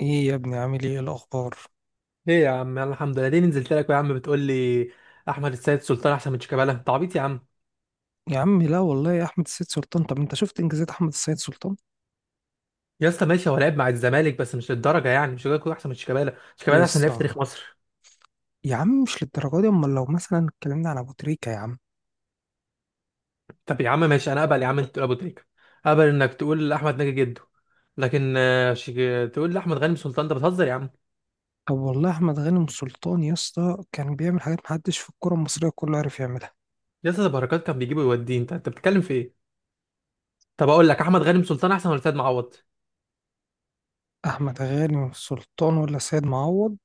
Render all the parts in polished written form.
ايه يا ابني، عامل ايه الاخبار؟ ايه يا عم، يلا الحمد لله. ليه نزلت لك يا عم بتقول لي احمد السيد سلطان احسن من شيكابالا؟ انت عبيط يا عم. يا عم لا والله يا احمد السيد سلطان، طب انت شفت انجازات احمد السيد سلطان؟ يا اسطى ماشي، هو لعب مع الزمالك بس مش للدرجه يعني، مش هيكون احسن من شيكابالا. شيكابالا احسن يس لاعب في تاريخ آه. مصر. يا عم مش للدرجه دي، امال لو مثلا اتكلمنا على ابو تريكه يا عم. طب يا عم ماشي، انا اقبل يا عم انت تقول ابو تريكه، اقبل انك تقول احمد ناجي جده، لكن شيك... تقول لي احمد غانم سلطان؟ ده بتهزر يا عم. طب والله احمد غانم سلطان يا اسطى كان بيعمل حاجات محدش في الكره المصريه كله عارف يعملها. يا اسطى ده بركات كان بيجيبه ويوديه، انت بتتكلم في ايه؟ طب اقول لك احمد غانم سلطان احسن ولا سيد معوض؟ احمد غانم سلطان ولا سيد معوض؟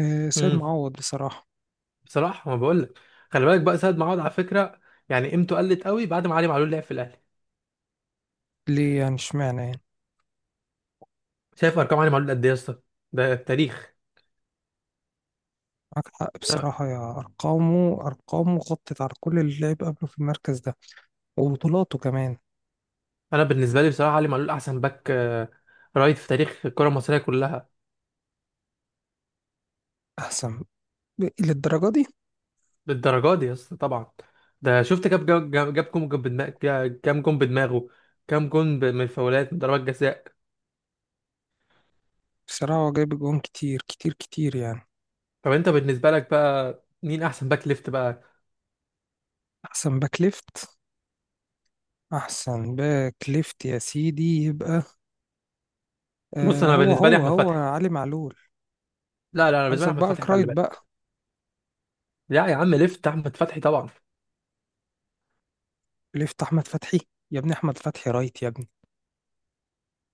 آه سيد امم معوض بصراحه. بصراحه ما بقول لك، خلي بالك بقى سيد معوض على فكره، يعني قيمته قلت قوي بعد ما علي معلول لعب في الاهلي. ليه يعني؟ اشمعنى يعني؟ شايف ارقام علي معلول قد ايه يا اسطى؟ ده التاريخ. معاك حق انا بصراحة، يا أرقامه، أرقامه غطت على كل اللي لعب قبله في المركز ده، وبطولاته كمان. أنا بالنسبه لي بصراحه علي معلول احسن باك رايت في تاريخ الكره المصريه كلها. أحسن. للدرجة دي؟ بالدرجه دي يا اسطى طبعا. ده شفت كام جاب كام جون بدماغ؟ كام جون بدماغه؟ كام جون من فاولات، من ضربات جزاء. بصراحة هو جايب جون كتير كتير كتير يعني. طب انت بالنسبه لك بقى مين احسن باك ليفت بقى؟ أحسن باك ليفت. أحسن باك ليفت يا سيدي يبقى بص آه انا هو بالنسبه لي هو احمد هو فتحي. علي معلول. لا لا، انا بالنسبه لي قصدك احمد بقى فتحي، رايت خلي بالك. بقى؟ لا يا عم، ليفت احمد فتحي طبعا. ليفت أحمد فتحي. يا ابني أحمد فتحي رايت يا ابني.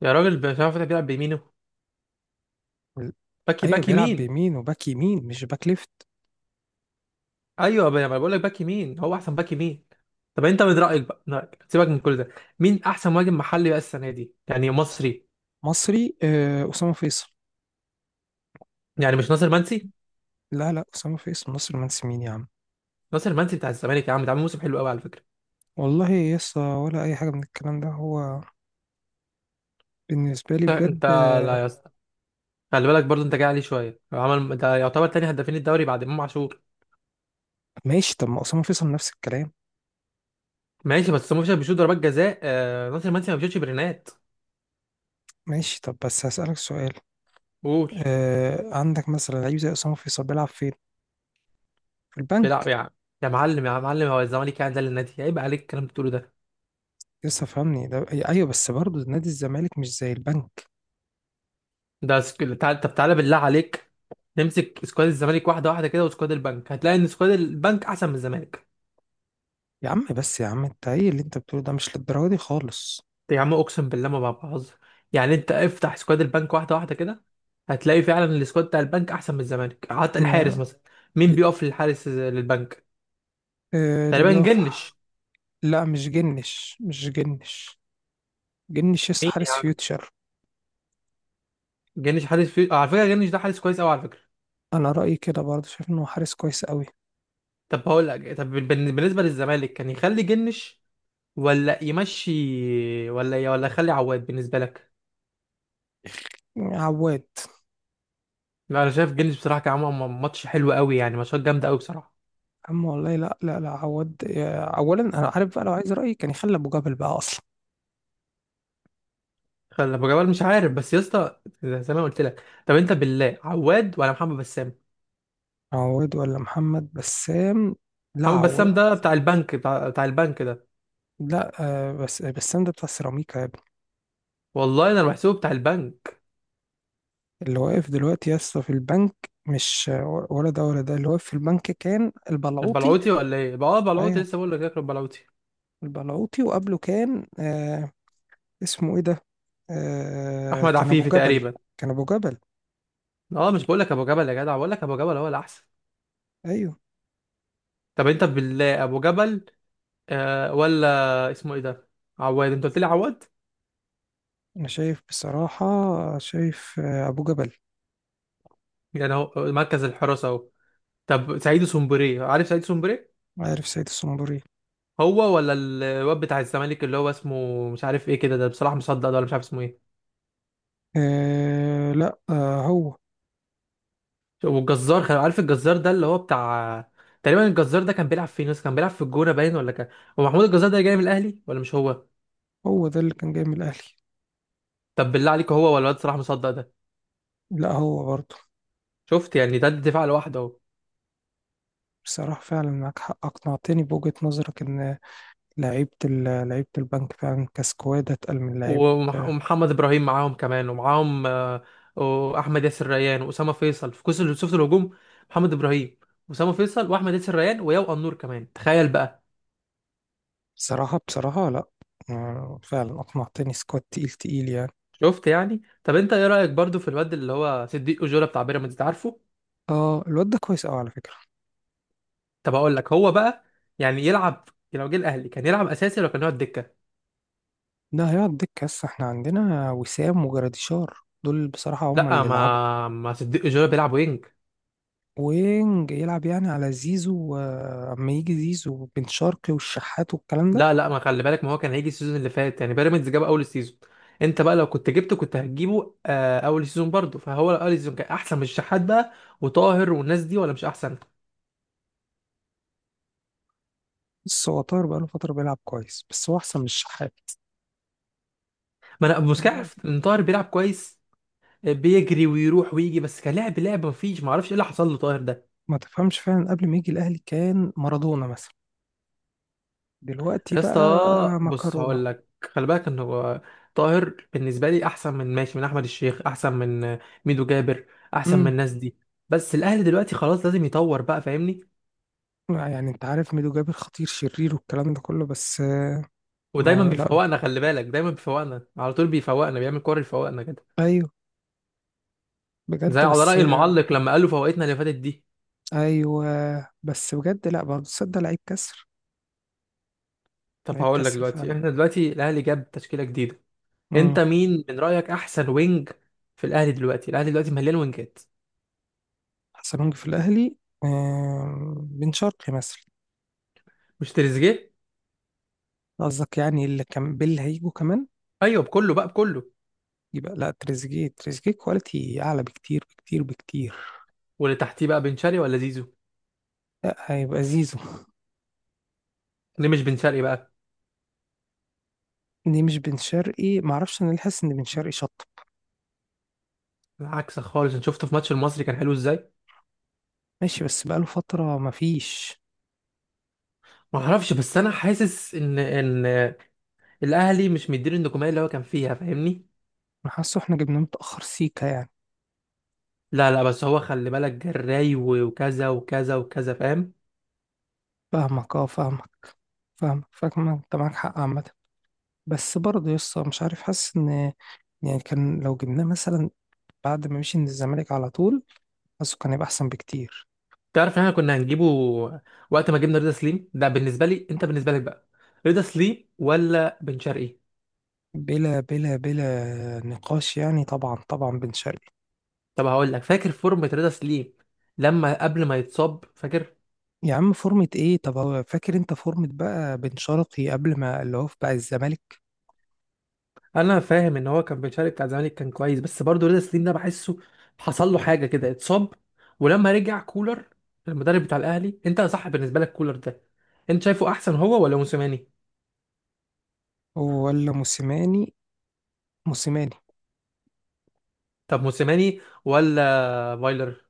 يا راجل، احمد فتحي بيلعب بيمينه. ال- باك أيوة باك بيلعب يمين. بيمين وباك يمين، مش باك ليفت. ايوه بقى، ما انا بقول لك باك يمين، هو احسن باك يمين. طب انت من رايك بقى، من رأيك، سيبك من كل ده، مين احسن مهاجم محلي بقى السنه دي يعني، مصري؟ مصري آه أسامة فيصل. يعني مش ناصر منسي؟ لا لا، أسامة فيصل مصري، مهندس مين يا عم. ناصر منسي بتاع الزمالك يا عم، ده عامل موسم حلو قوي على فكره. والله يسا ولا أي حاجة من الكلام ده هو. بالنسبة لي بجد انت، آه. لا يا اسطى، خلي بالك برضه انت جاي عليه شويه، هو عمل ده يعتبر تاني هدافين الدوري بعد امام عاشور. ماشي، طب ما أسامة فيصل نفس الكلام. ماشي، بس امام عاشور بيشوط ضربات جزاء ناصر منسي ما بيشوطش برينات. ماشي طب بس هسألك سؤال. قول. آه عندك مثلا لعيب زي اسامه فيصل بيلعب فين؟ في بيلعب البنك. يا عم، يا معلم يا معلم، هو الزمالك يعني ده للنادي؟ عيب عليك الكلام اللي بتقوله ده. لسه فهمني ده، ايوه، بس برضه نادي الزمالك مش زي البنك. ده سك... تعال... طب تعالى بالله عليك، نمسك سكواد الزمالك واحده واحده كده، وسكواد البنك، هتلاقي ان سكواد البنك احسن من الزمالك. يا عم بس يا عم، انت ايه اللي انت بتقوله ده؟ مش للدرجه دي خالص. يا عم اقسم بالله ما بهزر، يعني انت افتح سكواد البنك واحده واحده كده، هتلاقي فعلا السكواد بتاع البنك احسن من الزمالك. حتى الحارس انا مثلا، مين بيقف للحارس، للبنك؟ آه، اللي تقريبا بيقف. جنش. لا، مش جنش مش جنش. جنش لسه مين يا حارس عم؟ فيوتشر. جنش حارس في... على فكره جنش ده حارس كويس قوي على فكره. انا رايي كده برضه، شايف انه حارس كويس قوي. طب هقول لك، طب بالنسبه للزمالك، كان يخلي جنش ولا يمشي؟ ولا يخلي عواد بالنسبه لك؟ عواد. لا انا شايف جيلز بصراحه، كان عامل ماتش حلو قوي يعني، ماتشات جامده قوي بصراحه. عم والله لا لا لا، عواد اولا، انا عارف بقى لو عايز رايي كان يخلي ابو جبل بقى اصلا. خلي ابو جبال، مش عارف، بس يا اسطى زي ما قلت لك، طب انت بالله عواد ولا محمد بسام؟ عواد ولا محمد بسام؟ لا، محمد بسام عواد. ده بتاع البنك، بتاع البنك ده. لا آه، بس ده بتاع السيراميكا يا ابني. والله انا بحسبه بتاع البنك. اللي واقف دلوقتي يا اسطى في البنك، مش آه، ولا ده ولا ده، اللي واقف في البنك كان البلعوطي. البلعوتي ولا ايه بقى؟ اه بلعوتي، ايوه، لسه بقول لك ياكل البلعوتي. البلعوطي، وقبله كان آه، اسمه ايه ده، آه احمد كان ابو عفيفي جبل. تقريبا. كان ابو جبل. اه مش بقول لك ابو جبل يا جدع، بقول لك ابو جبل هو الاحسن. ايوه. طب انت بالله ابو جبل آه، ولا اسمه ايه ده، عواد؟ انت قلت لي عواد. انا شايف بصراحة، شايف آه ابو جبل. يعني هو مركز الحراسه اهو. طب سعيد سومبري، عارف سعيد سومبري؟ عارف سيد الصنبوري. هو ولا الواد بتاع الزمالك اللي هو اسمه مش عارف ايه كده، ده بصراحة مصدق ده، ولا مش عارف اسمه ايه. آه لا، آه هو. والجزار عارف الجزار ده اللي هو بتاع، تقريبا الجزار ده كان بيلعب فين ناس، كان بيلعب في الجونة باين ولا كان، هو محمود الجزار ده جاي من الاهلي ولا مش هو؟ هو ده اللي كان جاي من الاهلي. طب بالله عليك، هو ولا الواد صلاح مصدق ده؟ لا هو برضه. شفت يعني، ده الدفاع لوحده اهو. بصراحة فعلا معاك حق، أقنعتني بوجهة نظرك إن لعيبة لعيبة البنك فعلا كسكواد أتقل من لعيبة. ومحمد ابراهيم معاهم كمان، ومعاهم واحمد ياسر ريان واسامه فيصل في كوس، شفت الهجوم؟ محمد ابراهيم واسامه فيصل واحمد ياسر ريان وياو النور كمان، تخيل بقى. بصراحة بصراحة لأ. آه، فعلا أقنعتني، سكواد تقيل تقيل يعني. شفت يعني. طب انت ايه رايك برضو في الواد اللي هو صديق اجولا بتاع بيراميدز؟ عارفه؟ اه الواد ده كويس أوي على فكرة. طب اقول لك هو بقى، يعني يلعب يعني، لو جه الاهلي كان يلعب اساسي ولا كان يقعد دكه؟ ده هيقعد دكة، بس احنا عندنا وسام وجراديشار، دول بصراحة هما لا، اللي يلعبوا. ما صديق اجولا بيلعب وينج. وينج يلعب يعني على زيزو آه، أما يجي زيزو وبن شرقي والشحات والكلام ده. لا لا، ما خلي بالك، ما هو كان هيجي السيزون اللي فات يعني، بيراميدز جاب اول السيزون، انت بقى لو كنت جبته كنت هتجيبه اول السيزون برضه، فهو اول السيزون كان احسن من الشحات بقى، وطاهر والناس دي، ولا مش احسن؟ بس هو طاهر بقاله فترة بيلعب كويس، بس هو أحسن من الشحات. ما انا مش عارف ان طاهر بيلعب كويس، بيجري ويروح ويجي بس، كلاعب لعب مفيش، ما اعرفش ايه اللي حصل له طاهر ده. ما تفهمش، فعلا قبل ما يجي الأهلي كان مارادونا مثلا، دلوقتي يا بقى اسطى بص مكرونة. هقول لك، خلي بالك ان هو، طاهر بالنسبه لي احسن من، ماشي، من احمد الشيخ، احسن من ميدو جابر، احسن من امم. الناس دي، بس الاهلي دلوقتي خلاص لازم يطور بقى، فاهمني؟ لا يعني انت عارف ميدو جابر خطير شرير والكلام ده كله، بس آه، ودايما ما لا، بيفوقنا، خلي بالك دايما بيفوقنا، على طول بيفوقنا، بيعمل كور يفوقنا كده. ايوه، زي بجد على بس راي آه، المعلق لما قالوا فوقتنا اللي فاتت دي. ايوه، بس بجد لا برضه تصدق، لعيب كسر. طب لعيب هقول لك كسر فعلا. دلوقتي، احنا دلوقتي الاهلي جاب تشكيله جديده، انت امم. مين من رايك احسن وينج في الاهلي دلوقتي؟ الاهلي دلوقتي مليان وينجات. حسنونجي في الاهلي. آه، بن شرقي مثلا. مش تريزيجيه؟ قصدك يعني اللي كان باللي هيجوا كمان؟ ايوه بكله بقى، بكله. يبقى لا، تريزيجيه، تريزيجيه كواليتي اعلى بكتير بكتير بكتير. واللي تحتيه بقى، بن شرقي ولا زيزو؟ لا، هيبقى زيزو. ليه مش بن شرقي بقى؟ دي مش بن شرقي، معرفش انا، اللي حاسس ان بن شرقي شط. عكسك خالص، انا شفته في ماتش المصري كان حلو ازاي. ماشي بس بقاله فتره مفيش. ما اعرفش، بس انا حاسس ان الاهلي مش مديله النجوميه اللي هو كان فيها، فاهمني؟ انا حاسه احنا جبناه متأخر سيكا يعني. لا لا، بس هو خلي بالك جراي وكذا وكذا وكذا، فاهم؟ فاهمك اه فاهمك. فاهمك انت معاك حق عامة. بس برضه يسطا مش عارف، حاسس ان، يعني كان لو جبناه مثلا بعد ما مشي من الزمالك على طول، حاسه كان يبقى احسن بكتير. تعرف ان احنا كنا هنجيبه وقت ما جبنا رضا سليم، ده بالنسبه لي، انت بالنسبه لك بقى، رضا سليم ولا بن شرقي؟ بلا بلا بلا نقاش يعني، طبعا طبعا بن شرقي. طب هقول لك، فاكر فورمه رضا سليم لما قبل ما يتصاب، فاكر؟ يا عم فورمة ايه؟ طب هو فاكر، انت فورمة بقى بن شرقي قبل ما اللي هو في بقى الزمالك. انا فاهم ان هو كان بيتشارك بتاع الزمالك كان كويس، بس برضه رضا سليم ده بحسه حصل له حاجه كده، اتصاب. ولما رجع كولر، المدرب بتاع الاهلي، انت صح بالنسبه لك كولر ده؟ انت شايفه احسن هو ولا موسيماني؟ ولا موسيماني. موسيماني. طب موسيماني ولا فايلر؟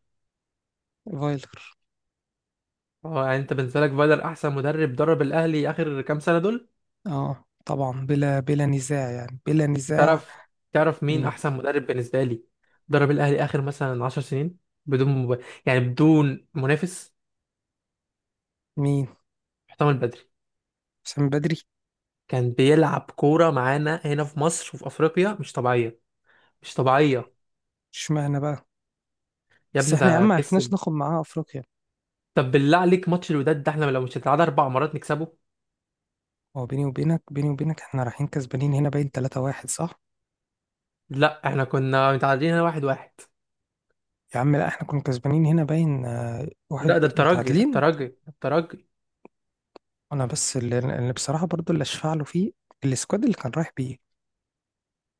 فايلر. اه، يعني انت بالنسبه لك فايلر احسن مدرب درب الاهلي اخر كام سنه دول؟ اه طبعا، بلا بلا نزاع يعني، بلا نزاع. تعرف تعرف مين بن احسن مدرب بالنسبه لي درب الاهلي اخر مثلا 10 سنين، بدون مب... يعني بدون منافس، مين؟ محتمل بدري. حسام بدري. كان بيلعب كورة معانا هنا في مصر وفي أفريقيا مش طبيعية، مش طبيعية. اشمعنى بقى؟ يا بس ابني احنا يا عم ده معرفناش كسب. ناخد معاها افريقيا. طب بالله عليك ماتش الوداد ده، احنا لو مش هنتعادل 4 مرات نكسبه. هو بيني وبينك، بيني وبينك احنا رايحين كسبانين هنا باين 3-1 صح. لا احنا كنا متعادلين هنا 1-1. يا عم لا، احنا كنا كسبانين هنا باين آه، واحد، لا ده الترجي، ده متعادلين. الترجي، ده الترجي. انا بس اللي, بصراحة برضو، اللي اشفع له فيه السكواد اللي كان رايح بيه.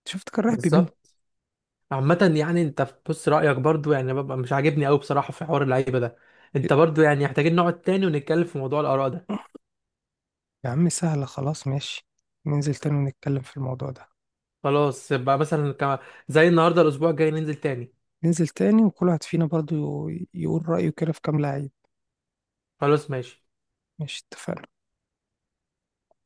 شفت كان رايح بمين. بالظبط. عامة يعني، انت بص رأيك برضو يعني، ببقى مش عاجبني قوي بصراحة في حوار اللعيبة ده، انت برضو يعني، محتاجين نقعد تاني ونتكلم في موضوع الآراء ده. يا عم سهلة خلاص، ماشي. ننزل تاني ونتكلم في الموضوع ده. خلاص، يبقى مثلا زي النهاردة، الأسبوع الجاي ننزل تاني. ننزل تاني وكل واحد فينا برضو يقول رأيه كده في كام لعيب. خلاص ماشي. ماشي، اتفقنا.